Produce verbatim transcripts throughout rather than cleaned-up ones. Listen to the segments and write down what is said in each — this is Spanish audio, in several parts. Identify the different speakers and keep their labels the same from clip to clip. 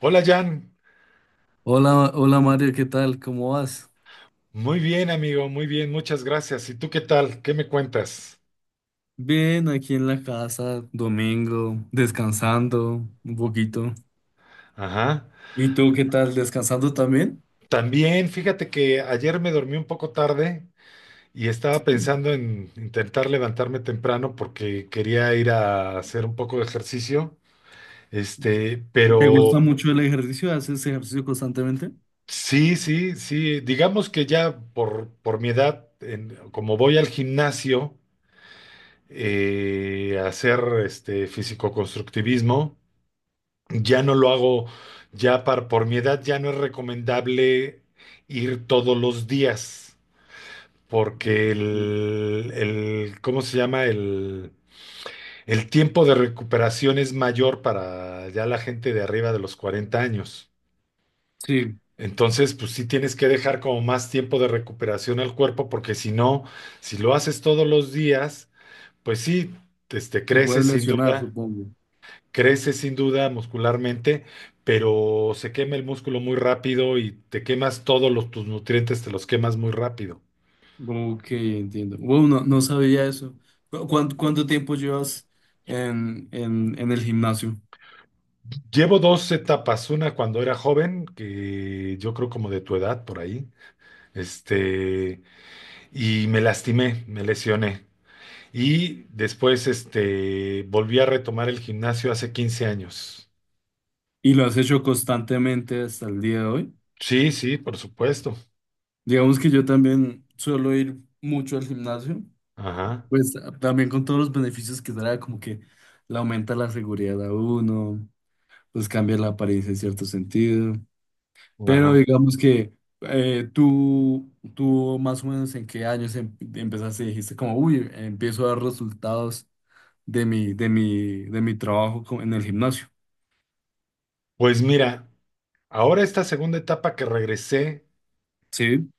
Speaker 1: Hola Jan,
Speaker 2: Hola, hola Mario, ¿qué tal? ¿Cómo vas?
Speaker 1: muy bien amigo, muy bien, muchas gracias. ¿Y tú qué tal? ¿Qué me cuentas?
Speaker 2: Bien, aquí en la casa, domingo, descansando un poquito.
Speaker 1: Ajá.
Speaker 2: ¿Y tú qué tal? ¿Descansando también?
Speaker 1: También, fíjate que ayer me dormí un poco tarde y estaba
Speaker 2: Sí.
Speaker 1: pensando en intentar levantarme temprano porque quería ir a hacer un poco de ejercicio. Este,
Speaker 2: ¿Te
Speaker 1: pero
Speaker 2: gusta mucho el ejercicio? ¿Haces ejercicio constantemente?
Speaker 1: sí, sí, sí, digamos que ya por, por mi edad, en- como voy al gimnasio, eh, a hacer este físico-constructivismo. Ya no lo hago, ya par- por mi edad ya no es recomendable ir todos los días, porque
Speaker 2: Sí.
Speaker 1: el, el- ¿cómo se llama? El, el tiempo de recuperación es mayor para ya la gente de arriba de los cuarenta años.
Speaker 2: Sí,
Speaker 1: Entonces, pues sí tienes que dejar como más tiempo de recuperación al cuerpo, porque si no, si lo haces todos los días, pues sí, este,
Speaker 2: te puedes
Speaker 1: creces sin
Speaker 2: lesionar,
Speaker 1: duda.
Speaker 2: supongo.
Speaker 1: Crece sin duda muscularmente, pero se quema el músculo muy rápido y te quemas todos los, tus nutrientes, te los quemas muy rápido.
Speaker 2: Ok, entiendo. Bueno, no, no sabía eso. ¿Cu- ¿Cuánto, cuánto tiempo llevas en, en, en el gimnasio?
Speaker 1: Llevo dos etapas, una cuando era joven, que yo creo como de tu edad por ahí, este, y me lastimé, me lesioné. Y después, este, volví a retomar el gimnasio hace quince años.
Speaker 2: ¿Y lo has hecho constantemente hasta el día de hoy?
Speaker 1: Sí, sí, por supuesto.
Speaker 2: Digamos que yo también suelo ir mucho al gimnasio.
Speaker 1: Ajá,
Speaker 2: Pues también con todos los beneficios que trae, como que le aumenta la seguridad a uno, pues cambia la apariencia en cierto sentido. Pero
Speaker 1: ajá.
Speaker 2: digamos que eh, tú, tú más o menos en qué años em- empezaste y dijiste como, uy, empiezo a dar resultados de mi, de mi, de mi trabajo co- en el gimnasio.
Speaker 1: Pues mira, ahora esta segunda etapa que regresé.
Speaker 2: Sí,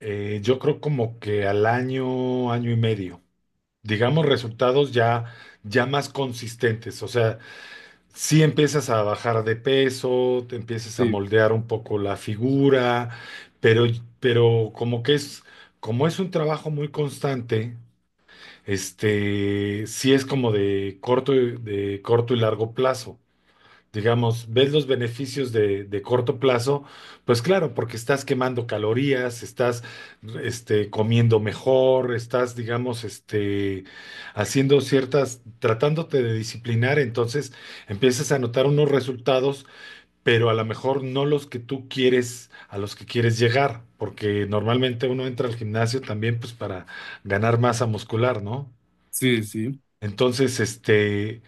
Speaker 1: Eh, yo creo como que al año, año y medio. Digamos resultados ya, ya más consistentes. O sea, si empiezas a bajar de peso, te empiezas a
Speaker 2: sí,
Speaker 1: moldear un poco la figura, pero, pero como que es, como es un trabajo muy constante, este, sí es como de corto, y- de corto y largo plazo, digamos, ves los beneficios de, de corto plazo, pues claro, porque estás quemando calorías, estás este, comiendo mejor, estás, digamos, este, haciendo ciertas, tratándote de disciplinar. Entonces empiezas a notar unos resultados, pero a lo mejor no los que tú quieres, a los que quieres llegar, porque normalmente uno entra al gimnasio también pues para ganar masa muscular, ¿no?
Speaker 2: sí, sí.
Speaker 1: Entonces, este,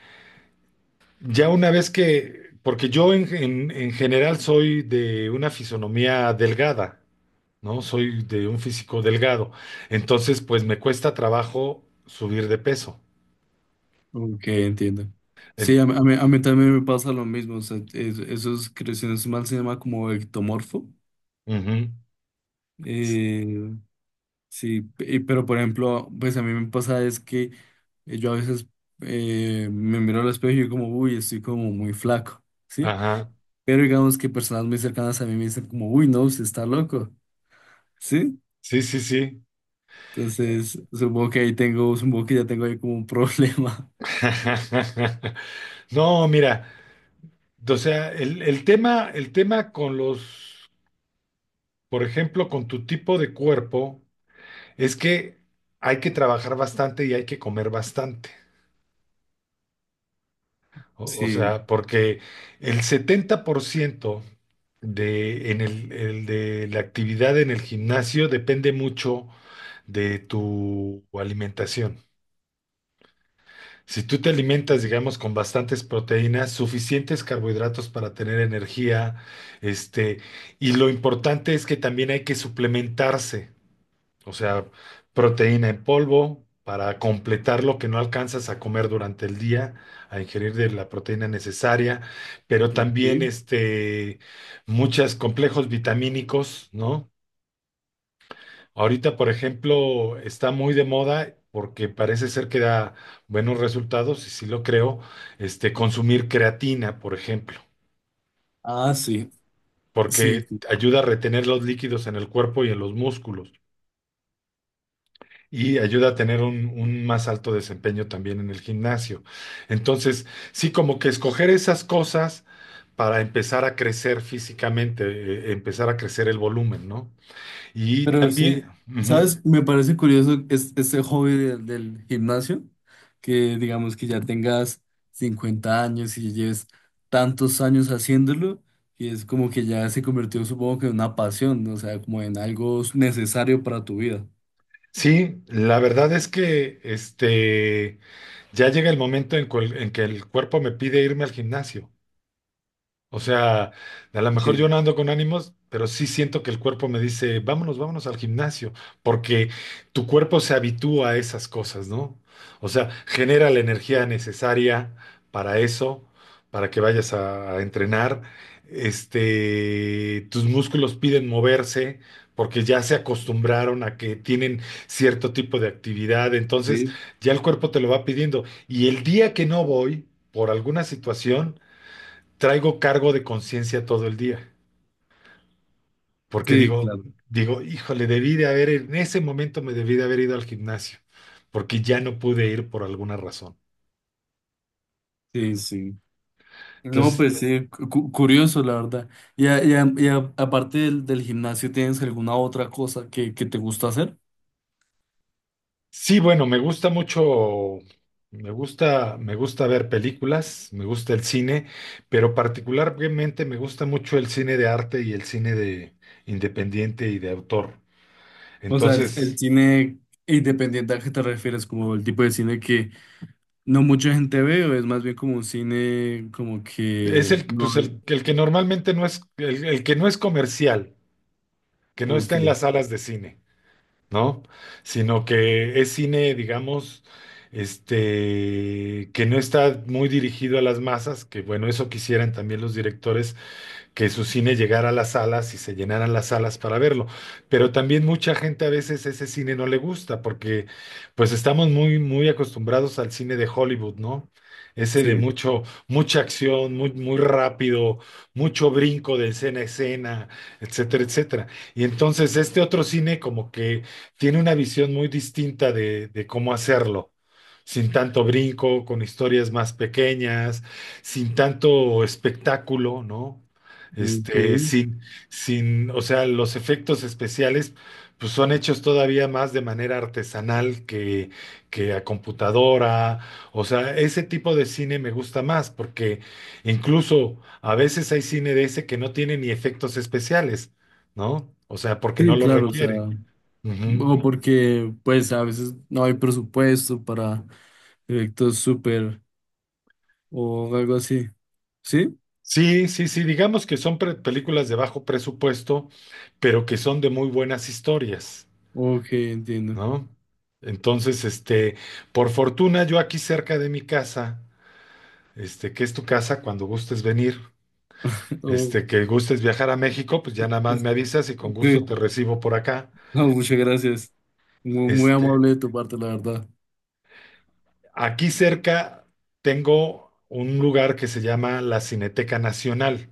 Speaker 1: ya una vez que, porque yo en, en- en general soy de una fisonomía delgada, ¿no? Soy de un físico delgado. Entonces, pues me cuesta trabajo subir de peso.
Speaker 2: Ok, entiendo. Sí,
Speaker 1: En-
Speaker 2: a, mí, a mí- a mí también me pasa lo mismo. O sea, es- esos creaciones mal se llama como ectomorfo.
Speaker 1: Ujú.
Speaker 2: eh, Sí, pe- y- pero por ejemplo, pues a mí me pasa es que eh, yo a veces eh, me miro al espejo y yo como, uy, estoy como muy flaco, ¿sí?
Speaker 1: Ajá.
Speaker 2: Pero digamos que personas muy cercanas a mí me dicen como, uy, no, usted está loco, ¿sí?
Speaker 1: Sí, sí, sí.
Speaker 2: Entonces, supongo que ahí tengo, supongo que ya tengo ahí como un problema.
Speaker 1: No, mira, o sea, el, el tema, el tema con los, por ejemplo, con tu tipo de cuerpo, es que hay que trabajar bastante y hay que comer bastante. O, o
Speaker 2: Sí,
Speaker 1: sea, porque el setenta por ciento de, en el, el de la actividad en el gimnasio depende mucho de tu alimentación. Si tú te alimentas, digamos, con bastantes proteínas, suficientes carbohidratos para tener energía, este, y lo importante es que también hay que suplementarse. O sea, proteína en polvo para completar lo que no alcanzas a comer durante el día, a ingerir de la proteína necesaria, pero también
Speaker 2: ok.
Speaker 1: este, muchos complejos vitamínicos, ¿no? Ahorita, por ejemplo, está muy de moda porque parece ser que da buenos resultados, y sí lo creo, este, consumir creatina, por ejemplo,
Speaker 2: Ah, sí, sí.
Speaker 1: porque
Speaker 2: Sí.
Speaker 1: ayuda a retener los líquidos en el cuerpo y en los músculos, y ayuda a tener un, un más alto desempeño también en el gimnasio. Entonces, sí, como que escoger esas cosas para empezar a crecer físicamente, eh, empezar a crecer el volumen, ¿no? Y
Speaker 2: Pero
Speaker 1: también,
Speaker 2: sí,
Speaker 1: ujú,
Speaker 2: ¿sabes? Me parece curioso es, este hobby del, del gimnasio, que digamos que ya tengas cincuenta años y lleves tantos años haciéndolo, y es como que ya se convirtió, supongo que en una pasión, ¿no? O sea, como en algo necesario para tu vida.
Speaker 1: sí, la verdad es que este, ya llega el momento en, cual- en que el cuerpo me pide irme al gimnasio. O sea, a lo mejor yo
Speaker 2: Sí,
Speaker 1: no ando con ánimos, pero sí siento que el cuerpo me dice, vámonos, vámonos al gimnasio, porque tu cuerpo se habitúa a esas cosas, ¿no? O sea, genera la energía necesaria para eso, para que vayas a, a entrenar. Este, tus músculos piden moverse porque ya se acostumbraron a que tienen cierto tipo de actividad, entonces
Speaker 2: sí,
Speaker 1: ya el cuerpo te lo va pidiendo. Y el día que no voy, por alguna situación, traigo cargo de conciencia todo el día, porque
Speaker 2: sí,
Speaker 1: digo,
Speaker 2: claro,
Speaker 1: digo, híjole, debí de haber, en ese momento me debí de haber ido al gimnasio, porque ya no pude ir por alguna razón.
Speaker 2: sí, sí. No,
Speaker 1: Entonces,
Speaker 2: pues sí, cu- cu- curioso, la verdad. Y, a- y, a- y a- aparte del, del gimnasio, ¿tienes alguna otra cosa que, que te gusta hacer?
Speaker 1: sí, bueno, me gusta mucho, me gusta, me gusta ver películas, me gusta el cine, pero particularmente me gusta mucho el cine de arte y el cine de independiente y de autor.
Speaker 2: O sea, el, el
Speaker 1: Entonces,
Speaker 2: cine independiente a qué te refieres, como el tipo de cine que no mucha gente ve, o es más bien como un cine como
Speaker 1: es
Speaker 2: que
Speaker 1: el,
Speaker 2: no,
Speaker 1: pues el, el que normalmente no es, el el que no es comercial, que no
Speaker 2: ok,
Speaker 1: está en las salas de cine, ¿no? Sino que es cine, digamos, este, que no está muy dirigido a las masas, que bueno, eso quisieran también los directores que su cine llegara a las salas y se llenaran las salas para verlo. Pero también mucha gente a veces ese cine no le gusta porque pues estamos muy, muy acostumbrados al cine de Hollywood, ¿no? Ese de
Speaker 2: sí,
Speaker 1: mucho, mucha acción, muy, muy rápido, mucho brinco de escena a escena, etcétera, etcétera. Y entonces este otro cine como que tiene una visión muy distinta de, de cómo hacerlo sin tanto brinco, con historias más pequeñas, sin tanto espectáculo, ¿no?
Speaker 2: ok,
Speaker 1: Este, sin, sin, o sea, los efectos especiales, pues son hechos todavía más de manera artesanal que, que a computadora. O sea, ese tipo de cine me gusta más, porque incluso a veces hay cine de ese que no tiene ni efectos especiales, ¿no? O sea, porque no
Speaker 2: sí,
Speaker 1: lo
Speaker 2: claro, o sea,
Speaker 1: requiere. Ujú.
Speaker 2: o porque pues a veces no hay presupuesto para efectos súper o algo así, ¿sí?
Speaker 1: Sí, sí, sí, digamos que son pre- películas de bajo presupuesto, pero que son de muy buenas historias,
Speaker 2: Ok, entiendo.
Speaker 1: ¿no? Entonces, este, por fortuna, yo aquí cerca de mi casa, este, que es tu casa, cuando gustes venir,
Speaker 2: Oh,
Speaker 1: este, que gustes viajar a México, pues ya nada más me avisas y con gusto te
Speaker 2: sí,
Speaker 1: recibo por acá.
Speaker 2: no, muchas gracias. Muy, muy
Speaker 1: Este,
Speaker 2: amable de tu parte, la verdad.
Speaker 1: aquí cerca tengo un lugar que se llama la Cineteca Nacional,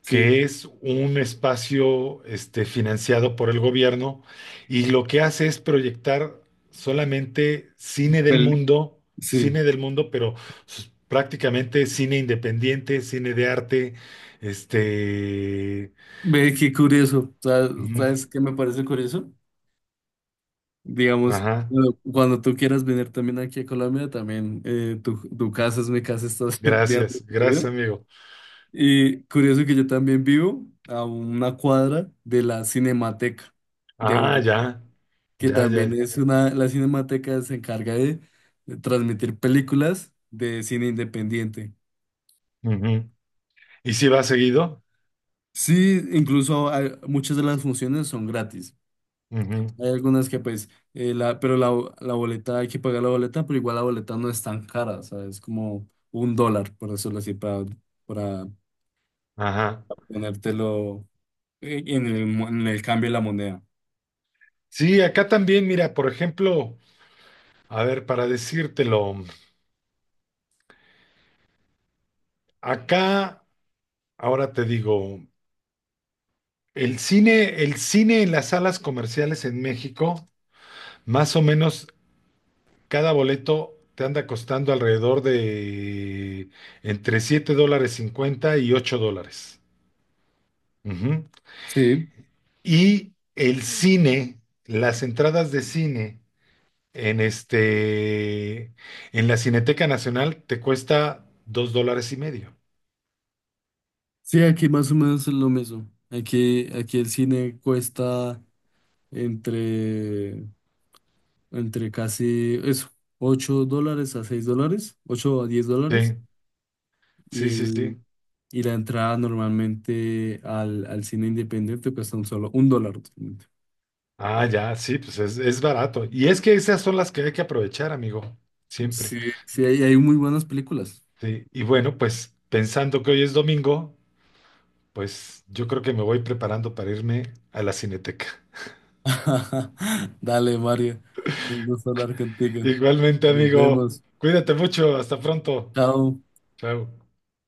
Speaker 2: Sí,
Speaker 1: que es un espacio este, financiado por el gobierno y lo que hace es proyectar solamente cine del
Speaker 2: pel-
Speaker 1: mundo,
Speaker 2: sí.
Speaker 1: cine del mundo, pero s- prácticamente cine independiente, cine de arte, este.
Speaker 2: Ve, qué curioso. ¿Sabes,
Speaker 1: Ujú.
Speaker 2: sabes qué me parece curioso? Digamos,
Speaker 1: Ajá.
Speaker 2: bueno, cuando tú quieras venir también aquí a Colombia, también eh, tu, tu casa es mi casa, estás bien
Speaker 1: Gracias, gracias,
Speaker 2: recibido.
Speaker 1: amigo.
Speaker 2: Y curioso que yo también vivo a una cuadra de la Cinemateca de
Speaker 1: Ah,
Speaker 2: Bogotá,
Speaker 1: ya,
Speaker 2: que
Speaker 1: ya, ya,
Speaker 2: también
Speaker 1: ya,
Speaker 2: es una, la Cinemateca se encarga de, de, transmitir películas de cine independiente.
Speaker 1: ujú. ¿Y si va seguido?
Speaker 2: Sí, incluso hay- muchas de las funciones son gratis.
Speaker 1: Ujú.
Speaker 2: Hay algunas que pues, eh, la, pero la, la boleta, hay que pagar la boleta, pero igual la boleta no es tan cara, o sea, es como un dólar, por decirlo así, para, para
Speaker 1: Ajá.
Speaker 2: ponértelo eh, en el, mo- en el cambio de la moneda.
Speaker 1: Sí, acá también, mira, por ejemplo, a ver, para decírtelo. Acá, ahora te digo, el cine, el cine en las salas comerciales en México, más o menos cada boleto te anda costando alrededor de entre siete dólares cincuenta y ocho dólares. Ujú.
Speaker 2: Sí,
Speaker 1: Y el cine, las entradas de cine en este, en la Cineteca Nacional te cuesta dos dólares y medio.
Speaker 2: sí, aquí más o menos es lo mismo. Aquí, aquí el cine cuesta entre, entre casi eso, ocho dólares a seis dólares, ocho a diez dólares,
Speaker 1: Sí,
Speaker 2: y
Speaker 1: sí, sí,
Speaker 2: el
Speaker 1: sí.
Speaker 2: y la entrada normalmente al, al cine independiente cuesta un solo un dólar, usualmente.
Speaker 1: Ah, ya, sí, pues es, es barato. Y es que esas son las que hay que aprovechar, amigo, siempre.
Speaker 2: Sí, sí, hay, hay muy buenas películas.
Speaker 1: Sí, y bueno, pues pensando que hoy es domingo, pues yo creo que me voy preparando para irme a la Cineteca.
Speaker 2: Dale, Mario. Un gusto hablar contigo.
Speaker 1: Igualmente,
Speaker 2: Nos
Speaker 1: amigo,
Speaker 2: vemos.
Speaker 1: cuídate mucho, hasta pronto.
Speaker 2: Chao.
Speaker 1: Chao.